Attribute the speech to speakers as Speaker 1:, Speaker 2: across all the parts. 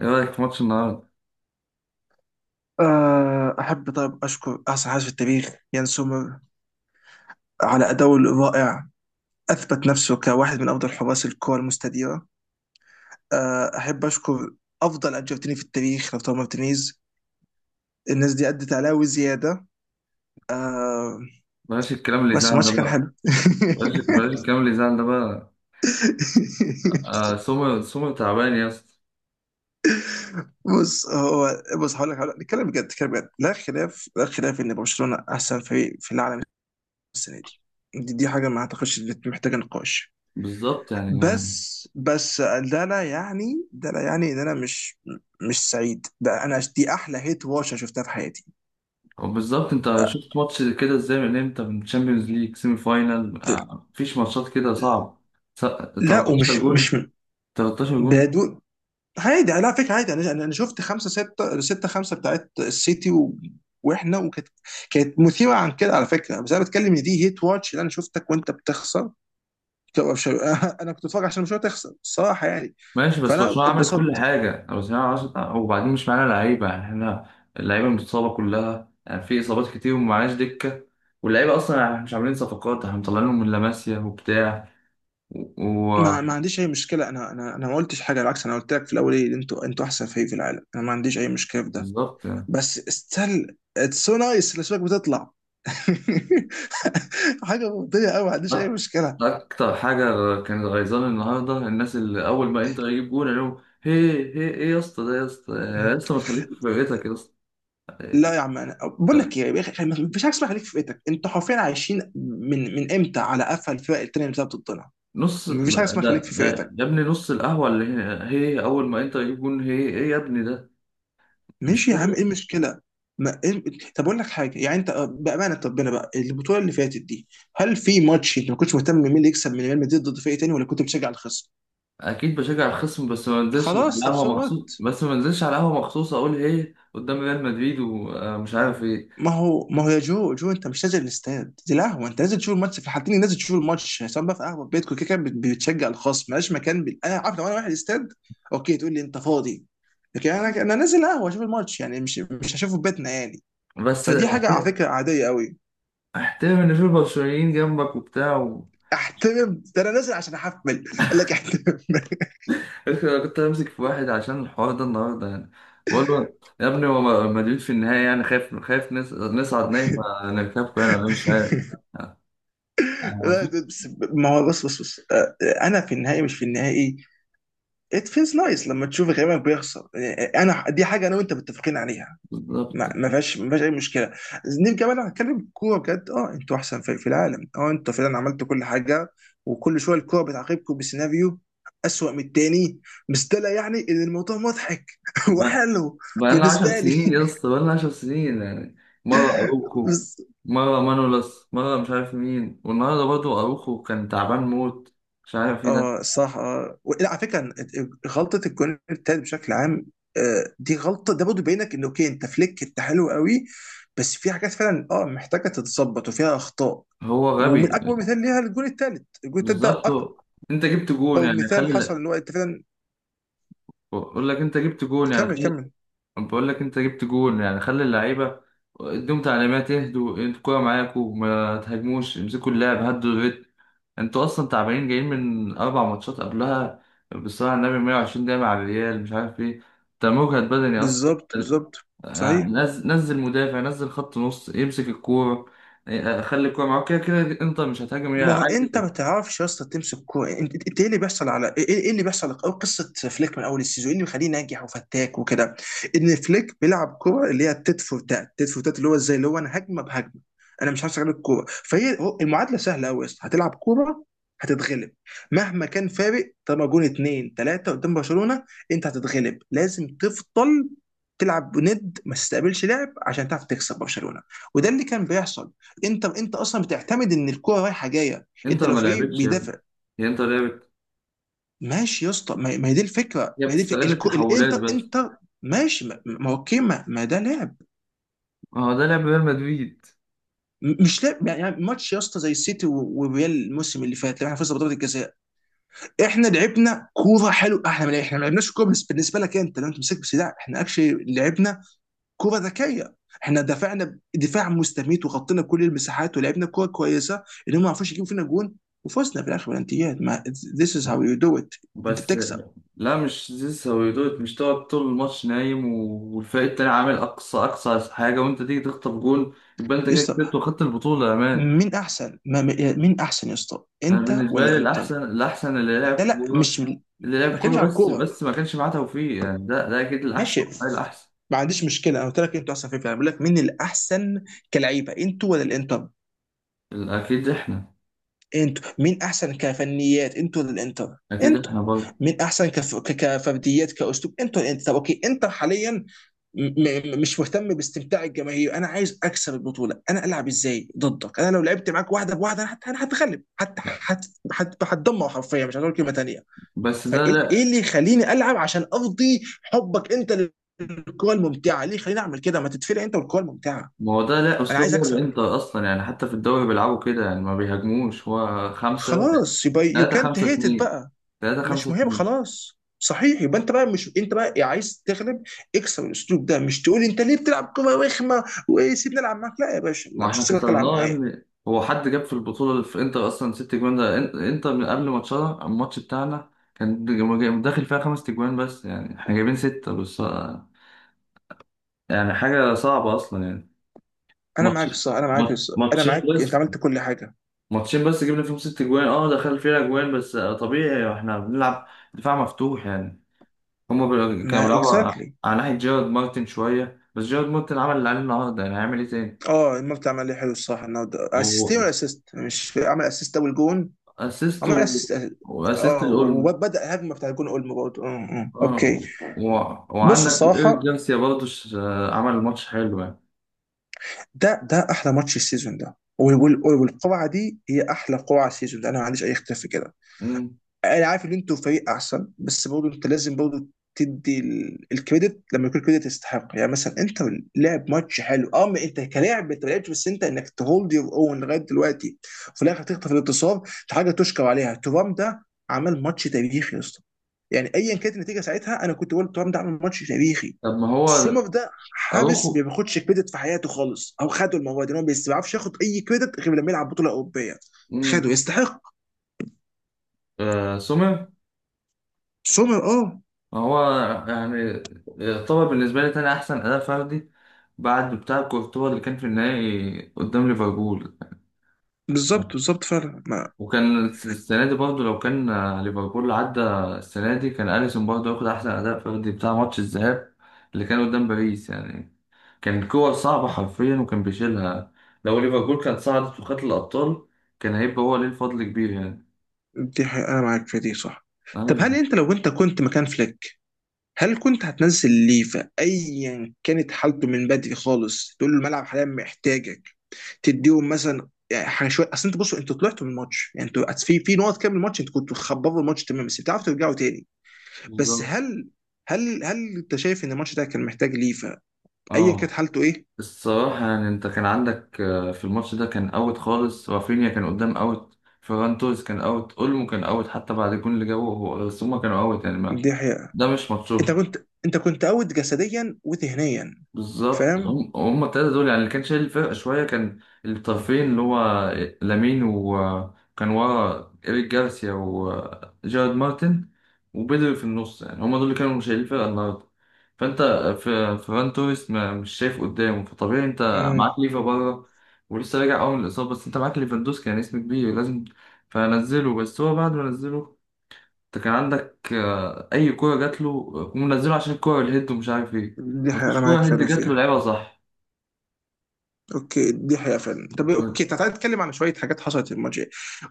Speaker 1: ايه رايك في ماتش النهارده؟
Speaker 2: أحب طيب أشكر أحسن حارس في التاريخ يان سومر على أداؤه الرائع. أثبت نفسه كواحد من أفضل حراس الكرة المستديرة. أحب أشكر أفضل أرجنتيني في التاريخ لوتارو مارتينيز. الناس دي أدت عليه وزيادة.
Speaker 1: بلاش الكلام اللي
Speaker 2: بس
Speaker 1: يزعل ده
Speaker 2: الماتش كان
Speaker 1: بقى.
Speaker 2: حلو.
Speaker 1: بلاش الكلام اللي يزعل ده بقى. سومر سومر تعبان يا اسطى.
Speaker 2: بص هو بص هقول لك، نتكلم بجد. لا خلاف إن برشلونة أحسن فريق في العالم السنة دي. دي حاجة ما أعتقدش إن محتاجة نقاش.
Speaker 1: بالظبط يعني.
Speaker 2: بس ده لا يعني ان انا مش سعيد. ده انا دي احلى هيت واتش أنا شفتها في حياتي.
Speaker 1: وبالظبط، انت شفت ماتش كده ازاي؟ من امتى؟ من تشامبيونز ليج سيمي فاينال،
Speaker 2: ده
Speaker 1: مفيش ماتشات كده صعب.
Speaker 2: لا
Speaker 1: 13
Speaker 2: ومش مش
Speaker 1: جون. 13 جون.
Speaker 2: بدون. عادي على فكره، عادي. انا شفت خمسه سته سته خمسه بتاعت السيتي و... واحنا وكانت، كانت مثيره عن كده على فكره. بس انا بتكلم ان دي هيت واتش اللي انا شفتك وانت بتخسر. طب مش- انا كنت بتفرج عشان مش تخسر الصراحه يعني.
Speaker 1: ماشي، بس
Speaker 2: فانا
Speaker 1: برشلونه عملت كل
Speaker 2: اتبسطت.
Speaker 1: حاجه. وبعدين مش معانا لعيبه يعني، احنا اللعيبه متصابه كلها يعني، في اصابات كتير ومعناش دكه. واللعيبه اصلا يعني مش عاملين صفقات، احنا مطلعينهم من لاماسيا وبتاع.
Speaker 2: ما عنديش اي مشكله. انا ما قلتش حاجه، بالعكس. انا قلت لك في الاول ايه، انتوا احسن فريق في العالم. انا ما عنديش اي مشكله في ده.
Speaker 1: وبالظبط يعني.
Speaker 2: بس استل اتس سو نايس الاسماك بتطلع. حاجه منطقيه قوي، ما عنديش اي
Speaker 1: أك-
Speaker 2: مشكله.
Speaker 1: اكتر حاجه كانت غيظاني النهارده الناس اللي اول ما انت يجيب جون يقولوا هي، هي ايه يا اسطى؟ ده يا اسطى، يا اسطى ما تخليك في فرقتك يا اسطى.
Speaker 2: لا يا عم، انا بقول
Speaker 1: ده
Speaker 2: لك ايه يا اخي، ما فيش حاجه اسمها خليك في فئتك. انتوا حرفيا عايشين من امتى على قفا الفرق التانيه اللي بتلعب ضدنا.
Speaker 1: نص
Speaker 2: ما فيش حاجه
Speaker 1: ده
Speaker 2: اسمها خليك في
Speaker 1: ده-
Speaker 2: فئتك.
Speaker 1: يا ابني، نص القهوه اللي هي اول ما انت يجيب جون، هي ايه يا ابني ده؟ مش
Speaker 2: ماشي يا عم، ايه
Speaker 1: كده.
Speaker 2: المشكله؟ ما إيه... طب اقول لك حاجه، يعني انت بامانه ربنا بقى البطوله اللي فاتت دي، هل في ماتش انت ما كنتش مهتم مين اللي يكسب من ريال مدريد ضد فريق تاني ولا كنت بتشجع الخصم؟
Speaker 1: اكيد بشجع الخصم، بس ما انزلش على
Speaker 2: خلاص طب
Speaker 1: القهوه
Speaker 2: سو
Speaker 1: مخصوص،
Speaker 2: وات.
Speaker 1: بس ما انزلش على القهوه مخصوص اقول هي قدام ريال مدريد ومش عارف ايه.
Speaker 2: ما هو يا جو جو، انت مش نازل الاستاد، دي قهوه. انت نازل تشوف الماتش في الحالتين، نازل تشوف الماتش سواء بقى في قهوه في بيتكم. كده كده بت- بتشجع الخصم. مالهاش مكان بال... انا عارف. لو انا واحد استاد، اوكي، تقول لي انت فاضي. لكن انا نازل قهوه اشوف الماتش يعني، مش هشوفه في بيتنا يعني.
Speaker 1: بس
Speaker 2: فدي حاجه على فكره عاديه قوي.
Speaker 1: احترم ان في برشلونيين جنبك وبتاع.
Speaker 2: احترم ده، انا نازل عشان احفل. قال لك احترم.
Speaker 1: انا كنت همسك في واحد عشان الحوار ده النهارده يعني، بقول له يا ابني هو مدريد في النهاية يعني، خايف خايف نصعد نهائي فنركبكم يعني، ولا مش عارف.
Speaker 2: لا
Speaker 1: عارفين.
Speaker 2: ده بس، ما هو بص، انا في النهائي مش في النهائي. ات فيلز نايس لما تشوف غيرك بيخسر. انا دي حاجه انا وانت متفقين عليها.
Speaker 1: بالظبط.
Speaker 2: ما فيهاش اي مشكله. نيجي كمان هنتكلم كوره بجد. اه انتوا احسن فريق في العالم، اه انتوا فعلا عملتوا كل حاجه. وكل شويه الكوره بتعاقبكم بسيناريو اسوأ من التاني. بس ده لا يعني ان الموضوع مضحك
Speaker 1: بقى
Speaker 2: وحلو.
Speaker 1: لنا 10
Speaker 2: بالنسبه لي.
Speaker 1: سنين يا اسطى، بقى لنا 10 سنين يعني. مرة أروخو،
Speaker 2: بس
Speaker 1: مرة مانولاس، مرة مش عارف مين، والنهارده برضه أروخو كان تعبان موت. مش عارف ايه ده.
Speaker 2: اه صح اه و- لا على فكره غلطه الجون التالت بشكل عام. دي غلطه ده برضه بينك ان اوكي انت فليك انت حلو قوي. بس في حاجات فعلا اه محتاجه تتظبط وفيها اخطاء.
Speaker 1: هو
Speaker 2: ومن
Speaker 1: غبي.
Speaker 2: اكبر مثال ليها الجون التالت. الجون التالت ده
Speaker 1: بالظبط
Speaker 2: اكبر
Speaker 1: هو. انت جبت جون يعني،
Speaker 2: مثال حصل
Speaker 1: خلي
Speaker 2: ان هو انت فعلا.
Speaker 1: اقول لك، انت جبت جون
Speaker 2: كمل
Speaker 1: يعني،
Speaker 2: كمل
Speaker 1: بقول لك انت جبت جول يعني، خلي اللعيبه اديهم تعليمات: اهدوا، انتوا الكوره معاكوا، ما تهاجموش، امسكوا اللعب، هدوا الريتم. انتوا اصلا تعبانين جايين من 4 ماتشات قبلها. بالصلاه على النبي، 120 دقيقه مع الريال، مش عارف ايه. انت مجهد بدني اصلا.
Speaker 2: بالظبط بالظبط. صحيح.
Speaker 1: نزل مدافع، نزل خط نص يمسك الكوره. خلي الكوره معاك، كده كده انتر مش هتهاجم، هي
Speaker 2: ما هو انت ما
Speaker 1: عادي.
Speaker 2: تعرفش يا اسطى تمسك كوره. انت انت ايه اللي بيحصل على ايه، ايه اللي بيحصل او قصه فليك من اول السيزون؟ ايه اللي مخليه ناجح وفتاك وكده؟ ان فليك بيلعب كوره اللي هي تيت فور تات، اللي هو ازاي، اللي هو انا هجمه بهجمه. انا مش همسك عليك الكوره، فهي هو- المعادله سهله قوي يا اسطى، هتلعب كوره هتتغلب مهما كان فارق. طالما جون اتنين تلاته قدام برشلونه، انت هتتغلب. لازم تفضل تلعب ند، ما تستقبلش لعب عشان تعرف تكسب برشلونه. وده اللي كان بيحصل. انت اصلا بتعتمد ان الكوره رايحه جايه. انت
Speaker 1: انتر
Speaker 2: لو
Speaker 1: ما
Speaker 2: فريق
Speaker 1: لعبتش يا ابني.
Speaker 2: بيدافع،
Speaker 1: هي انتر لعبت؟
Speaker 2: ماشي يا اسطى، ما هي دي الفكره
Speaker 1: هي بتستغل
Speaker 2: الكو...
Speaker 1: التحولات
Speaker 2: الانتر،
Speaker 1: بس.
Speaker 2: انتر. ماشي. ما هو اوكي، ما ده لعب.
Speaker 1: ما هو ده لعب ريال مدريد.
Speaker 2: م- مش لعب يعني. يعني ماتش يا اسطى زي السيتي و- والريال الموسم اللي فات لما احنا فزنا بضربه الجزاء. احنا لعبنا كوره حلوه. احنا ما لعب- احنا ما لعبناش كوره بالنسبه لك انت. لو انت مسكت بس لا، احنا اكشلي لعبنا كره ذكيه. احنا دفعنا دفاع مستميت وغطينا كل المساحات ولعبنا كره كويسه انهم ما عرفوش يجيبوا فينا جون. وفزنا في الاخر بالانتيات. ما this is how you do it. انت
Speaker 1: بس
Speaker 2: بتكسب
Speaker 1: لا، مش زيزو سويدوت. مش تقعد طول الماتش نايم والفريق التاني عامل أقصى أقصى حاجة وأنت تيجي تخطف جول؟ يبقى أنت
Speaker 2: يا
Speaker 1: كده كسبت
Speaker 2: اسطى.
Speaker 1: وخدت البطولة يا مان!
Speaker 2: مين احسن ما مين احسن يا اسطى،
Speaker 1: أنا
Speaker 2: انت
Speaker 1: بالنسبة
Speaker 2: ولا
Speaker 1: لي
Speaker 2: انتر؟
Speaker 1: الأحسن، الأحسن اللي لعب
Speaker 2: لا لا
Speaker 1: كورة،
Speaker 2: مش ما
Speaker 1: اللي لعب
Speaker 2: بتكلمش
Speaker 1: كورة
Speaker 2: على
Speaker 1: بس
Speaker 2: الكوره.
Speaker 1: بس ما كانش معاه توفيق يعني. ده أكيد الأحسن.
Speaker 2: ماشي.
Speaker 1: ده الأحسن.
Speaker 2: ما عنديش مشكله. انا قلت لك انتوا احسن في الفريق، بقول لك مين الاحسن كلعيبه، انتوا ولا الانتر؟
Speaker 1: أكيد إحنا.
Speaker 2: انتوا مين احسن كفنيات، انتوا ولا الانتر؟
Speaker 1: أكيد
Speaker 2: انتوا
Speaker 1: إحنا برضه.
Speaker 2: مين احسن كف... ك- كفرديات كاسلوب، انتوا ولا الانتر؟ طب اوكي، انتر حاليا. مش مهتم باستمتاع الجماهير. انا عايز اكسب البطوله. انا العب ازاي ضدك؟ انا لو لعبت معاك واحده بواحده انا هت- أنا هتغلب حتى.
Speaker 1: لا.
Speaker 2: هت... هتدمر حرفيا. مش هقول كلمه تانيه.
Speaker 1: بس ده
Speaker 2: فايه إيه
Speaker 1: لا.
Speaker 2: اللي يخليني العب عشان ارضي حبك انت للكره الممتعه؟ ليه خليني اعمل كده؟ ما تتفلق انت والكره الممتعه.
Speaker 1: ما هو ده لا
Speaker 2: انا
Speaker 1: أسلوب
Speaker 2: عايز اكسب.
Speaker 1: لعب إنتر أصلا يعني، حتى في الدوري بيلعبوا كده يعني، ما بيهاجموش. هو خمسة
Speaker 2: خلاص يبقى يو
Speaker 1: تلاتة
Speaker 2: كانت
Speaker 1: خمسة
Speaker 2: هيت.
Speaker 1: اتنين، تلاتة
Speaker 2: مش
Speaker 1: خمسة
Speaker 2: مهم.
Speaker 1: اتنين.
Speaker 2: خلاص صحيح، يبقى انت بقى مش، انت بقى إيه، عايز تغلب؟ اكسر الاسلوب ده. مش تقول انت ليه بتلعب كوره رخمه وسيبني العب معاك. لا يا باشا،
Speaker 1: ما
Speaker 2: ما مش
Speaker 1: احنا
Speaker 2: هسيبك العب
Speaker 1: كسرناه يا
Speaker 2: معايا.
Speaker 1: ابني. هو حد جاب في البطولة في انتر اصلا 6 جوان؟ ده انتر من قبل ماتشنا، الماتش بتاعنا كان داخل فيها 5 تجوان بس يعني، احنا جايبين ستة بس يعني. حاجة صعبة اصلا يعني.
Speaker 2: انا معاك
Speaker 1: ماتش
Speaker 2: الصح انا معاك الصح انا
Speaker 1: ماتشين
Speaker 2: معاك، انت
Speaker 1: بس.
Speaker 2: عملت كل حاجه.
Speaker 1: ماتشين بس جبنا فيهم 6 جوان. اه، دخل فيها جوان بس. طبيعي احنا بنلعب دفاع مفتوح يعني. هما كانوا
Speaker 2: ما
Speaker 1: بيلعبوا على
Speaker 2: اكزاكتلي.
Speaker 1: على ناحية جيرارد مارتن شوية. بس جيرارد مارتن عمل اللي عليه النهاردة يعني. هيعمل ايه تاني؟
Speaker 2: اه المرتب عمل لي حلو الصح النهارده. اسيستين ولا اسيست، مش عمل اسيست اول جون؟
Speaker 1: واسيست
Speaker 2: عمل اسيست.
Speaker 1: واسيست
Speaker 2: اه
Speaker 1: الأولمو.
Speaker 2: وبدا الهجمه بتاع الجون اولمو برضه. اه اه اوكي.
Speaker 1: اه و...
Speaker 2: بص
Speaker 1: وعندك ايريك
Speaker 2: الصراحه،
Speaker 1: جارسيا برضه عمل ماتش حلو يعني.
Speaker 2: ده احلى ماتش السيزون ده، وال- وال- والقرعه دي هي احلى قرعه السيزون ده. انا ما عنديش اي اختلاف في كده.
Speaker 1: مم.
Speaker 2: انا عارف ان انتوا فريق احسن، بس برضه انت لازم برضه تدي ال- الكريدت لما يكون الكريدت يستحق. يعني مثلا انت لعب ماتش حلو اه. ما انت كلاعب انت ما لعبتش، بس انت انك تهولد يور اون لغايه دلوقتي وفي الاخر تخطف الانتصار، دي حاجه تشكر عليها. ترام ده عمل ماتش تاريخي يا اسطى. يعني ايا كانت النتيجه ساعتها انا كنت بقول ترام ده عمل ماتش تاريخي.
Speaker 1: طب ما هو.
Speaker 2: سومر ده
Speaker 1: اروخو.
Speaker 2: حابس ما بياخدش كريدت في حياته خالص او خده المره دي، إن هو ما بيعرفش ياخد اي كريدت غير لما يلعب بطوله اوروبيه. خده
Speaker 1: مم.
Speaker 2: يستحق.
Speaker 1: آه سومر.
Speaker 2: سومر اه.
Speaker 1: ما هو يعني يعتبر بالنسبه لي تاني احسن اداء فردي بعد بتاع كورتوا اللي كان في النهائي قدام ليفربول.
Speaker 2: بالظبط بالظبط فعلا. ما
Speaker 1: وكان السنه دي برضه لو كان ليفربول عدى، السنه دي كان اليسون برضه ياخد احسن اداء فردي بتاع ماتش الذهاب اللي كان قدام باريس يعني. كان كور صعبة حرفيا وكان بيشيلها. لو ليفربول كانت صعدت وخدت الأبطال، كان هيبقى هو ليه الفضل كبير يعني.
Speaker 2: دي حقيقة، انا معاك في دي صح. طب
Speaker 1: أيوه.
Speaker 2: هل انت لو انت كنت مكان فليك، هل كنت هتنزل ليفا ايا كانت حالته من بدري خالص تقول له الملعب حاليا محتاجك؟ تديهم مثلا يعني حاجه شويه، اصل انت بصوا انتوا طلعتوا من الماتش، يعني انتوا في في نقط كام من الماتش انتوا كنتوا خبروا الماتش تمام بس بتعرفوا ترجعوا تاني. بس
Speaker 1: بالظبط.
Speaker 2: هل، هل انت شايف ان الماتش ده كان محتاج ليفا ايا كانت
Speaker 1: أه.
Speaker 2: حالته ايه؟
Speaker 1: الصراحة يعني، أنت كان عندك في الماتش ده كان أوت خالص. رافينيا كان قدام أوت، فيران توريس كان أوت، أولمو كان أوت حتى بعد الجون اللي جابه هو، بس هما كانوا أوت يعني، ما
Speaker 2: دي حقيقة.
Speaker 1: ده مش
Speaker 2: انت
Speaker 1: ماتشهم.
Speaker 2: كنت انت كنت اوت جسديا وذهنيا.
Speaker 1: بالظبط.
Speaker 2: فاهم؟
Speaker 1: هم التلاتة دول يعني اللي كان شايل الفرقة شوية، كان الطرفين اللي هو لامين، وكان ورا إيريك جارسيا وجارد مارتن وبدري في النص. يعني هم دول اللي كانوا شايلين الفرقة النهاردة. فأنت، في فران توريس مش شايف قدامه، فطبيعي أنت معاك
Speaker 2: امم
Speaker 1: ليفا بره ولسه راجع أول من الإصابة، بس أنت معاك ليفاندوسكي يعني، اسم كبير لازم فنزله. بس هو بعد ما نزله، انت كان عندك اي كوره جات له، هم منزله عشان الكوره الهيد ومش عارف ايه.
Speaker 2: دي حقيقة انا
Speaker 1: مفيش
Speaker 2: معاك
Speaker 1: كوره هيد
Speaker 2: فعلا
Speaker 1: جات له
Speaker 2: فيها.
Speaker 1: لعيبه صح.
Speaker 2: اوكي دي حقيقة فعلا. طب اوكي تعالى نتكلم عن شوية حاجات حصلت في الماتش.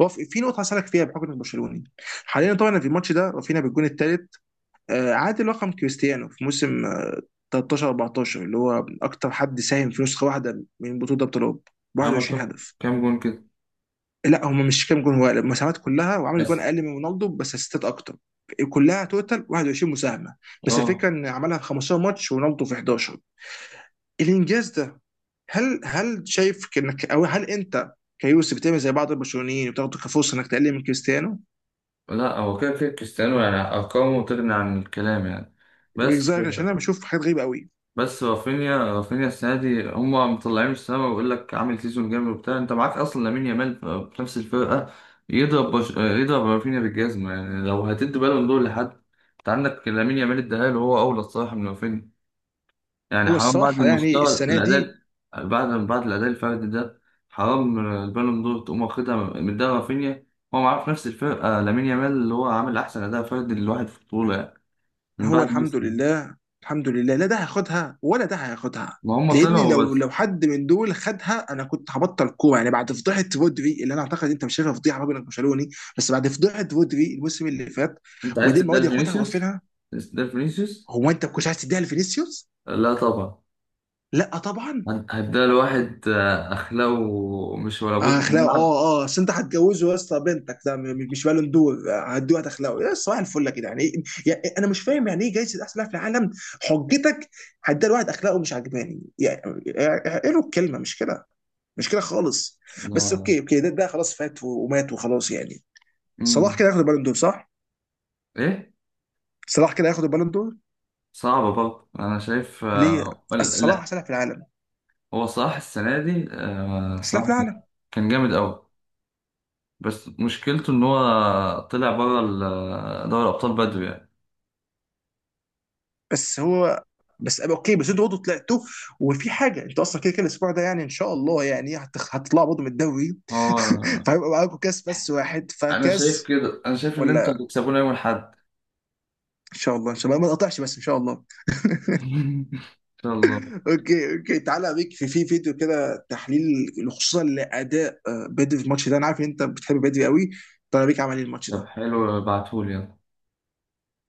Speaker 2: هو في في نقطة هسألك فيها بحكم انك برشلوني حاليا. طبعا في الماتش ده رافينا بالجون الثالث عادل رقم كريستيانو في موسم 13 14 اللي هو اكتر حد ساهم في نسخه واحده من بطوله ابطال اوروبا.
Speaker 1: عمل
Speaker 2: 21
Speaker 1: كام
Speaker 2: هدف.
Speaker 1: كام جون كده؟
Speaker 2: لا هم مش كام جون، هو المساهمات كلها. وعمل جون
Speaker 1: بس
Speaker 2: اقل من رونالدو بس اسيستات اكتر. كلها توتال 21 مساهمه. بس
Speaker 1: اه.
Speaker 2: الفكره ان عملها في 15 ماتش ورونالدو في 11. الانجاز ده، هل، هل شايف انك او هل انت كيوسف بتعمل زي بعض البرشلونيين وتاخده كفرصه انك تقلل من كريستيانو؟
Speaker 1: لا، هو كده كده كريستيانو يعني ارقامه تغني عن الكلام يعني.
Speaker 2: من
Speaker 1: بس
Speaker 2: رأيك؟ عشان انا بشوف حاجات غريبه قوي.
Speaker 1: بس رافينيا السنه دي هم مطلعين السما ويقول لك عامل سيزون جامد وبتاع. انت معاك اصلا لامين يامال في نفس الفرقه. يضرب رافينيا بالجزمه يعني. لو هتدي بالون دور لحد، انت عندك لامين يامال، اداها له هو اولى الصراحه من رافينيا يعني.
Speaker 2: هو
Speaker 1: حرام بعد
Speaker 2: الصراحه يعني
Speaker 1: المستوى
Speaker 2: السنه دي.
Speaker 1: الأداء، بعد الأداء الفردي ده، حرام البالون دور تقوم واخدها من ده رافينيا. هو معاه في نفس الفرقة لامين يامال اللي هو عامل أحسن أداء فردي للواحد في البطولة يعني، من
Speaker 2: هو
Speaker 1: بعد
Speaker 2: الحمد
Speaker 1: ميسي.
Speaker 2: لله. الحمد لله، لا ده هياخدها ولا ده هياخدها.
Speaker 1: ما هم
Speaker 2: لان
Speaker 1: طلعوا
Speaker 2: لو
Speaker 1: بس.
Speaker 2: لو حد من دول خدها انا كنت هبطل كوره يعني بعد فضيحه رودري اللي انا اعتقد انت مش شايفها فضيحه راجل برشلوني. بس بعد فضيحه رودري الموسم اللي فات،
Speaker 1: أنت عايز
Speaker 2: ودي
Speaker 1: تديها
Speaker 2: المواد ياخدها
Speaker 1: لفينيسيوس؟
Speaker 2: وقفلها.
Speaker 1: عايز تديها لفينيسيوس؟
Speaker 2: هو انت ما كنتش عايز تديها لفينيسيوس؟
Speaker 1: لا طبعا.
Speaker 2: لا طبعا.
Speaker 1: هتديها لواحد أخلاقه مش ولا بد في
Speaker 2: اخلاقه
Speaker 1: الملعب؟
Speaker 2: اه اه، اصل انت هتجوزه يا اسطى بنتك؟ ده م- مش بالون دور. هتدوق اخلاقه يا اسطى. صباح الفل يا جدعان يعني، إيه؟ يعني انا مش فاهم يعني ايه جايزه احسن لاعب في العالم؟ حجتك هتديها لواحد اخلاقه مش عجباني يعني، يعني ايه له الكلمه؟ مش كده، مش كده خالص. بس
Speaker 1: لا.
Speaker 2: اوكي اوكي، ده خلاص فات و- ومات وخلاص يعني. صلاح
Speaker 1: مم.
Speaker 2: كده هياخد البالون دور صح؟
Speaker 1: إيه؟
Speaker 2: صلاح كده هياخد البالون دور.
Speaker 1: صعبة برضه أنا شايف.
Speaker 2: ليه؟ أصل صلاح احسن لاعب في العالم.
Speaker 1: هو صلاح السنة دي
Speaker 2: احسن لاعب في
Speaker 1: صلاح
Speaker 2: العالم.
Speaker 1: كان جامد أوي. بس مشكلته إن هو طلع بره دوري الأبطال بدري يعني.
Speaker 2: بس هو، بس أبقى اوكي بس انتوا برضه طلعتوا. وفي حاجه انتوا اصلا كده كده الاسبوع ده يعني ان شاء الله يعني هتخ- هتطلعوا برضه من الدوري.
Speaker 1: هو
Speaker 2: فهيبقى معاكم كاس بس، واحد
Speaker 1: أنا شايف
Speaker 2: فكاس.
Speaker 1: كده. أنا شايف إن أنتوا
Speaker 2: ولا،
Speaker 1: هتكسبونا يوم الأحد.
Speaker 2: ان شاء الله ان شاء الله ما تقطعش بس ان شاء الله.
Speaker 1: إن شاء الله.
Speaker 2: اوكي اوكي تعالى اوريك في في فيديو كده تحليل خصوصا لاداء بدري في الماتش ده. انا عارف ان انت بتحب بدري قوي. تعالى اوريك عمل ايه الماتش
Speaker 1: طب
Speaker 2: ده.
Speaker 1: حلو، ابعتهولي يلا.